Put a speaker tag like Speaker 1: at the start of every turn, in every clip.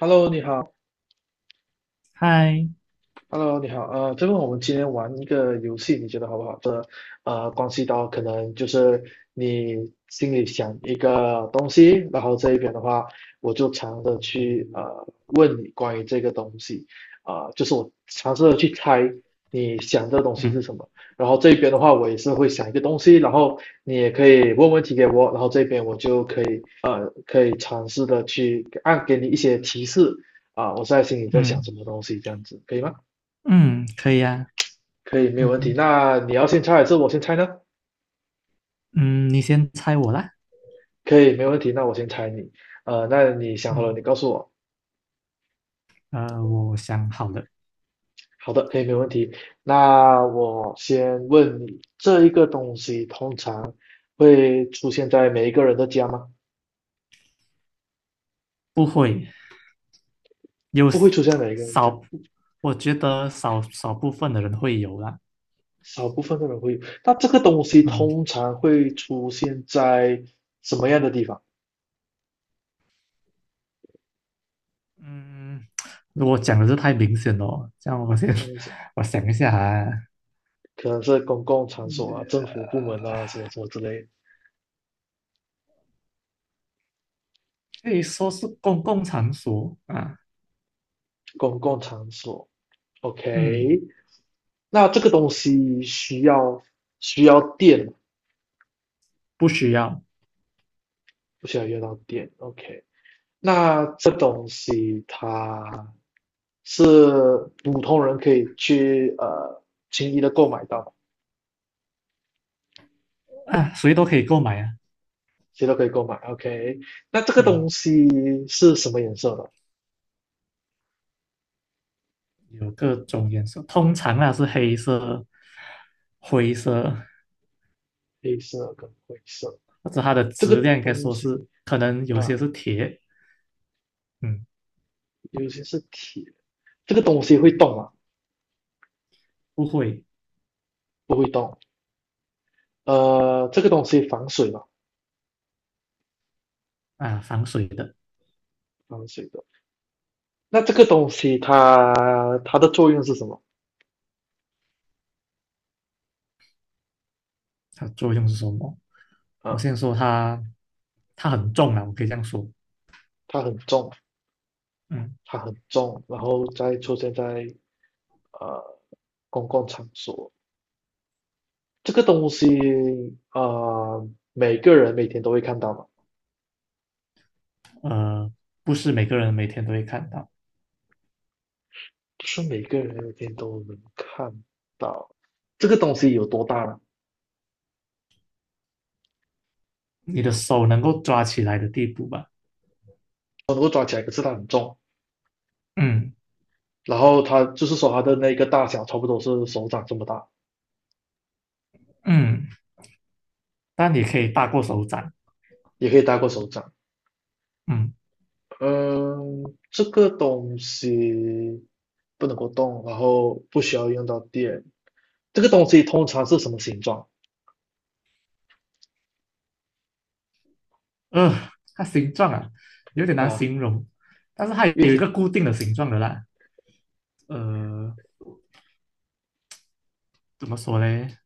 Speaker 1: Hello，你好。
Speaker 2: 嗨，
Speaker 1: Hello，你好，这个我们今天玩一个游戏，你觉得好不好？这关系到可能就是你心里想一个东西，然后这一边的话，我就尝着去问你关于这个东西，啊、就是我尝试的去猜你想这个东西是什么，然后这边的话，我也是会想一个东西，然后你也可以问问题给我，然后这边我就可以可以尝试的去按给你一些提示啊、我在心里在想什
Speaker 2: 嗯
Speaker 1: 么东西，这样子可以吗？
Speaker 2: 嗯，可以呀、
Speaker 1: 可以，没有问题。
Speaker 2: 嗯
Speaker 1: 那你要先猜还是我先猜呢？
Speaker 2: 嗯，你先猜我啦。
Speaker 1: 可以，没有问题。那我先猜你。那你想好了，你
Speaker 2: 嗯
Speaker 1: 告诉我。
Speaker 2: 我想好了。
Speaker 1: 好的，可以，没有问题。那我先问你，这一个东西通常会出现在每一个人的家吗？
Speaker 2: 不会。有
Speaker 1: 不会
Speaker 2: s-
Speaker 1: 出现在每 一个人
Speaker 2: 少
Speaker 1: 家，
Speaker 2: 部我觉得少少部分的人会有啦。
Speaker 1: 少部分的人会有。那这个东西
Speaker 2: 嗯
Speaker 1: 通常会出现在什么样的地方？
Speaker 2: 嗯，如果讲的是太明显了，这样
Speaker 1: 看一下，
Speaker 2: 我想一下啊。
Speaker 1: 可能是公共场所啊、政府部门啊，什么什么之类的
Speaker 2: 可以说是公共场所啊。
Speaker 1: 公共场所。
Speaker 2: 嗯，
Speaker 1: OK，那这个东西需要需要电
Speaker 2: 不需要。
Speaker 1: 不需要用到电。OK，那这东西它是普通人可以去轻易的购买到
Speaker 2: 啊，谁都可以购买啊。
Speaker 1: 谁都可以购买。OK，那这个
Speaker 2: 嗯，
Speaker 1: 东西是什么颜色的？
Speaker 2: 有各种颜色，通常啊是黑色、灰色。
Speaker 1: 黑色跟灰色。
Speaker 2: 或者它的
Speaker 1: 这个
Speaker 2: 质量应该
Speaker 1: 东
Speaker 2: 说
Speaker 1: 西
Speaker 2: 是可能有些
Speaker 1: 啊，
Speaker 2: 是铁。嗯，
Speaker 1: 尤其是铁。这个东西会动吗？
Speaker 2: 不会。
Speaker 1: 不会动。这个东西防水吗？
Speaker 2: 啊，防水的。
Speaker 1: 防水的。那这个东西它它的作用是什么
Speaker 2: 它作用是什么？我
Speaker 1: 啊？
Speaker 2: 先说它，它很重啊，我可以这样说。
Speaker 1: 它很重，
Speaker 2: 嗯，
Speaker 1: 它很重，然后再出现在呃公共场所。这个东西啊、呃每个人每天都会看到嘛，
Speaker 2: 呃，不是每个人每天都会看到。
Speaker 1: 不是每个人每天都能看到。这个东西有多大呢？
Speaker 2: 你的手能够抓起来的地步吧。
Speaker 1: 我能够抓起来，可是它很重。
Speaker 2: 嗯
Speaker 1: 然后它就是说它的那个大小差不多是手掌这么大，
Speaker 2: 嗯，但你可以大过手掌。
Speaker 1: 也可以大过手掌。
Speaker 2: 嗯，
Speaker 1: 嗯，这个东西不能够动，然后不需要用到电。这个东西通常是什么形状
Speaker 2: 呃，它形状啊有点难
Speaker 1: 啊？
Speaker 2: 形容，但是它有
Speaker 1: 有
Speaker 2: 一个
Speaker 1: 点
Speaker 2: 固定的形状的啦。呃，怎么说嘞？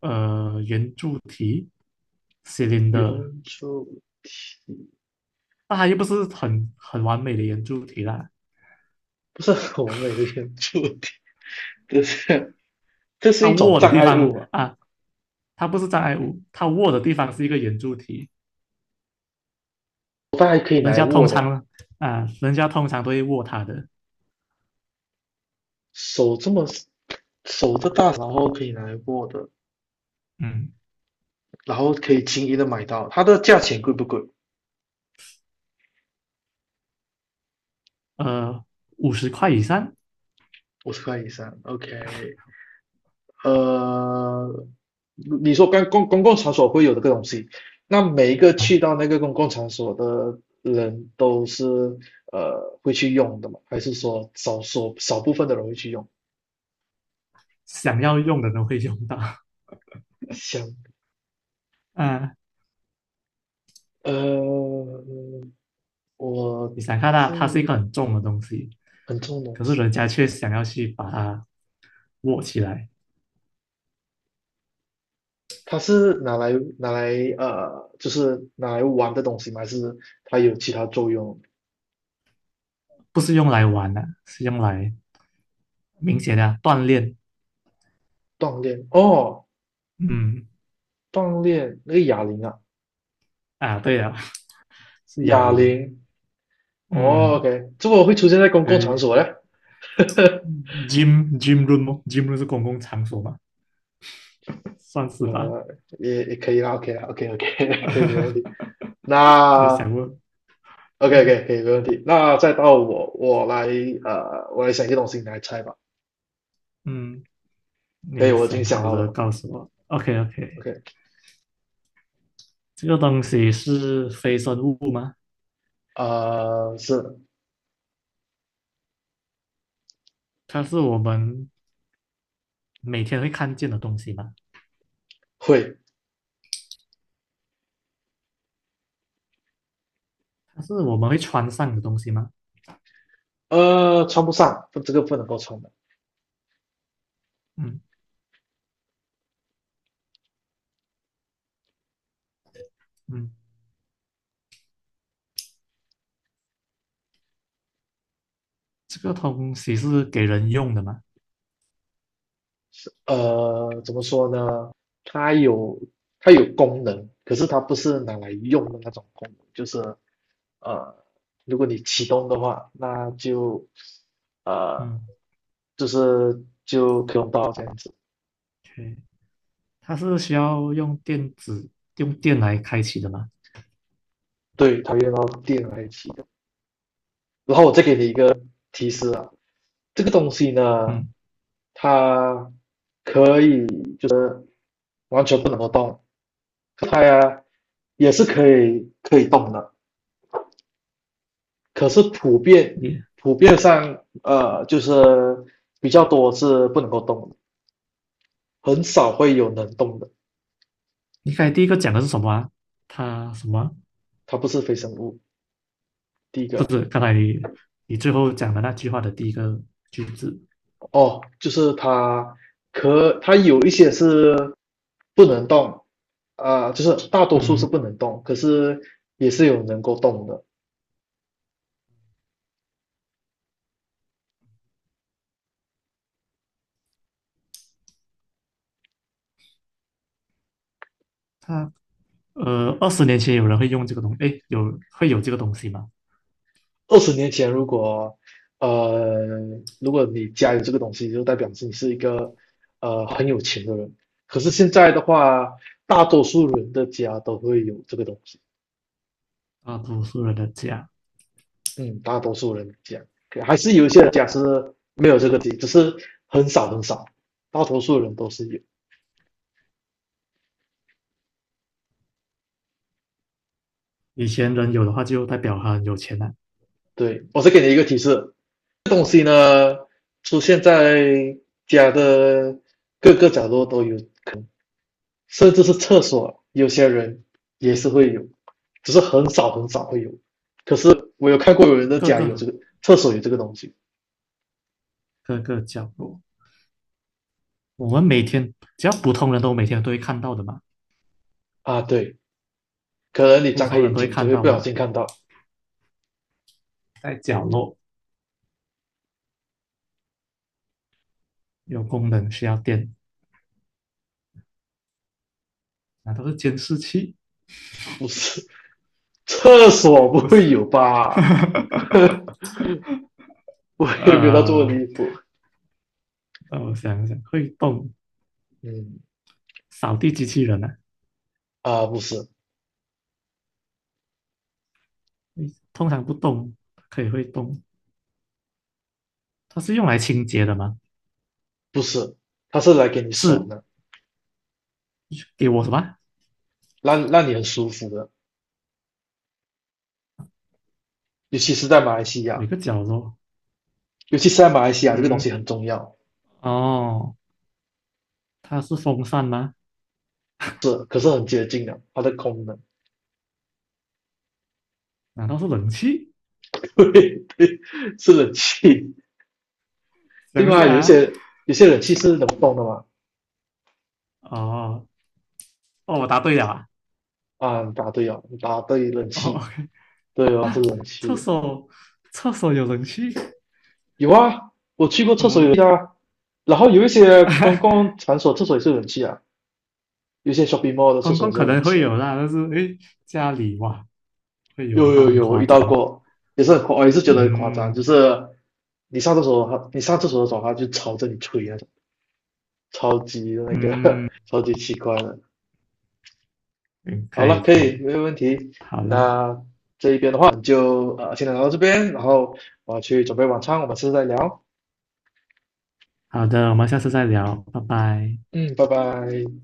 Speaker 2: 圆柱体
Speaker 1: 原
Speaker 2: ，cylinder。
Speaker 1: 住
Speaker 2: 那它又不是很完美的圆柱体啦。
Speaker 1: 不是很完美的原住民，这是这是
Speaker 2: 它
Speaker 1: 一种
Speaker 2: 握的
Speaker 1: 障
Speaker 2: 地
Speaker 1: 碍
Speaker 2: 方
Speaker 1: 物嘛？
Speaker 2: 啊，它不是障碍物，它握的地方是一个圆柱体。
Speaker 1: 它还可以拿
Speaker 2: 人
Speaker 1: 来
Speaker 2: 家通
Speaker 1: 握的，
Speaker 2: 常人家通常都会握它的。
Speaker 1: 手这么手这大，然后可以拿来握的，
Speaker 2: 嗯，
Speaker 1: 然后可以轻易的买到。它的价钱贵不贵？
Speaker 2: 呃，50块以上。
Speaker 1: 50块以上，OK。呃，你说刚公公共场所会有的这个东西，那每一个去
Speaker 2: 啊，
Speaker 1: 到那个公共场所的人都是会去用的吗？还是说少少少部分的人会去用？
Speaker 2: 想要用的都会用到。
Speaker 1: 想
Speaker 2: 啊，
Speaker 1: 呃，我
Speaker 2: 你想看它，它是一个
Speaker 1: 这
Speaker 2: 很重的东西，
Speaker 1: 很重的东
Speaker 2: 可是人
Speaker 1: 西，
Speaker 2: 家却想要去把它握起来。
Speaker 1: 它是拿来就是拿来玩的东西吗？还是它有其他作用？
Speaker 2: 不是用来玩的、是用来明显的锻炼。
Speaker 1: 锻炼哦，
Speaker 2: 嗯。
Speaker 1: 锻炼那个哑铃啊，
Speaker 2: 啊，对啊，是哑
Speaker 1: 哑
Speaker 2: 铃。
Speaker 1: 铃哦
Speaker 2: 嗯，
Speaker 1: ，OK，这个会出现在公共场
Speaker 2: 对
Speaker 1: 所嘞？
Speaker 2: ，gym room 吗？gym room 是公共场所吗？算是吧。
Speaker 1: 呃，也可以啦，OK o k OK，可以没问题。
Speaker 2: 我有想
Speaker 1: 那
Speaker 2: 过。
Speaker 1: OK
Speaker 2: 呃，
Speaker 1: OK 可以没问题。那再到我来我来想一个东西，你来猜吧。
Speaker 2: 嗯，
Speaker 1: 可以，
Speaker 2: 你
Speaker 1: 我已经
Speaker 2: 想
Speaker 1: 想
Speaker 2: 好
Speaker 1: 好
Speaker 2: 了
Speaker 1: 了。
Speaker 2: 告诉我。OK OK。
Speaker 1: OK。
Speaker 2: 这个东西是非生物吗？
Speaker 1: 是
Speaker 2: 它是我们每天会看见的东西吗？
Speaker 1: 会，
Speaker 2: 它是我们会穿上的东西吗？
Speaker 1: 穿不上，不这个不能够穿的。
Speaker 2: 嗯嗯，这个东西是给人用的吗？
Speaker 1: 呃，怎么说呢？它有它有功能，可是它不是拿来用的那种功能，就是呃，如果你启动的话，那就呃，
Speaker 2: 嗯
Speaker 1: 就是就可以用到这样子。
Speaker 2: ，OK，它是需要用电来开启的吗？
Speaker 1: 对，它用到电来启动。然后我再给你一个提示啊，这个东西呢，
Speaker 2: 嗯。
Speaker 1: 它可以就是完全不能够动，它呀也是可以动的，可是
Speaker 2: 你
Speaker 1: 普遍上就是比较多是不能够动的很少会有能动的，
Speaker 2: 你刚才第一个讲的是什么啊？他什么？
Speaker 1: 它不是非生物。第一
Speaker 2: 不
Speaker 1: 个
Speaker 2: 是，刚才你最后讲的那句话的第一个句子。
Speaker 1: 哦，就是它可它有一些是不能动，就是大多数是
Speaker 2: 嗯，
Speaker 1: 不能动，可是也是有能够动的。
Speaker 2: 他20年前有人会用这个东西，诶，有会有这个东西吗？
Speaker 1: 20年前，如果呃，如果你家有这个东西，就代表是你是一个很有钱的人。可是现在的话，大多数人的家都会有这个东西。
Speaker 2: 啊，多数人的家。
Speaker 1: 嗯，大多数人的家，还是有一些人家是没有这个东西只是很少很少，大多数人都是有。
Speaker 2: 以前人有的话，就代表他很有钱了。
Speaker 1: 对，我是给你一个提示，这东西呢出现在家的各个角落都有可能。甚至是厕所，有些人也是会有，只是很少很少会有。可是我有看过有人的
Speaker 2: 各
Speaker 1: 家有
Speaker 2: 个
Speaker 1: 这个厕所有这个东西
Speaker 2: 各个角落，我们每天只要普通人都每天都会看到的嘛。
Speaker 1: 啊，对，可能你
Speaker 2: 普
Speaker 1: 张开
Speaker 2: 通人
Speaker 1: 眼
Speaker 2: 都会
Speaker 1: 睛就
Speaker 2: 看
Speaker 1: 会
Speaker 2: 到
Speaker 1: 不
Speaker 2: 的
Speaker 1: 小
Speaker 2: 啊，
Speaker 1: 心看到，
Speaker 2: 在角落有功能需要电，那都是监视器。
Speaker 1: 不是 厕所不
Speaker 2: 不是？
Speaker 1: 会有吧？我也没有到这么
Speaker 2: 呃，
Speaker 1: 离谱，
Speaker 2: 让我想想，会动
Speaker 1: 嗯
Speaker 2: 扫地机器人啊。
Speaker 1: 啊，不是
Speaker 2: 诶，通常不动，可以会动。它是用来清洁的吗？
Speaker 1: 不是，它是来给你爽
Speaker 2: 是
Speaker 1: 的，
Speaker 2: 给我什么？
Speaker 1: 让你很舒服的，尤其是在马来西
Speaker 2: 每
Speaker 1: 亚，
Speaker 2: 个角落？
Speaker 1: 尤其是在马来西亚这个东
Speaker 2: 嗯，
Speaker 1: 西很重要，
Speaker 2: 哦，它是风扇吗？
Speaker 1: 是可是很接近的它的功能。
Speaker 2: 难道是冷气？
Speaker 1: 对对，是冷气，对
Speaker 2: 等一
Speaker 1: 吗？
Speaker 2: 下啊，
Speaker 1: 有些冷气是冷风的嘛，
Speaker 2: 哦哦，我答对了啊，
Speaker 1: 啊，你答对了，你答对冷
Speaker 2: 哦
Speaker 1: 气，
Speaker 2: ，OK。
Speaker 1: 对吧？是
Speaker 2: 啊，
Speaker 1: 冷
Speaker 2: 厕
Speaker 1: 气，
Speaker 2: 所厕所有冷气。
Speaker 1: 有啊，我去过厕所有冷
Speaker 2: 嗯，
Speaker 1: 气啊，然后有一些公 共场所厕所也是冷气啊，有一些 shopping mall 的厕
Speaker 2: 公
Speaker 1: 所也
Speaker 2: 共
Speaker 1: 是
Speaker 2: 可
Speaker 1: 有冷
Speaker 2: 能
Speaker 1: 气
Speaker 2: 会
Speaker 1: 啊，
Speaker 2: 有啦，但是诶，家里哇，会有
Speaker 1: 有
Speaker 2: 的话
Speaker 1: 有
Speaker 2: 很
Speaker 1: 有，我
Speaker 2: 夸
Speaker 1: 遇到
Speaker 2: 张。
Speaker 1: 过，也是很夸，我也是觉得很夸张，就
Speaker 2: 嗯
Speaker 1: 是你上厕所的时候，它就朝着你吹那种，超级那个，
Speaker 2: 嗯，
Speaker 1: 超级奇怪的。
Speaker 2: 嗯
Speaker 1: 好
Speaker 2: 可以
Speaker 1: 了，可
Speaker 2: 可
Speaker 1: 以，
Speaker 2: 以。
Speaker 1: 没有问题。
Speaker 2: 好了。
Speaker 1: 那这一边的话，就先聊到这边，然后我要去准备晚餐，我们下次再聊。
Speaker 2: 好的，我们下次再聊，拜拜。
Speaker 1: 嗯，拜拜。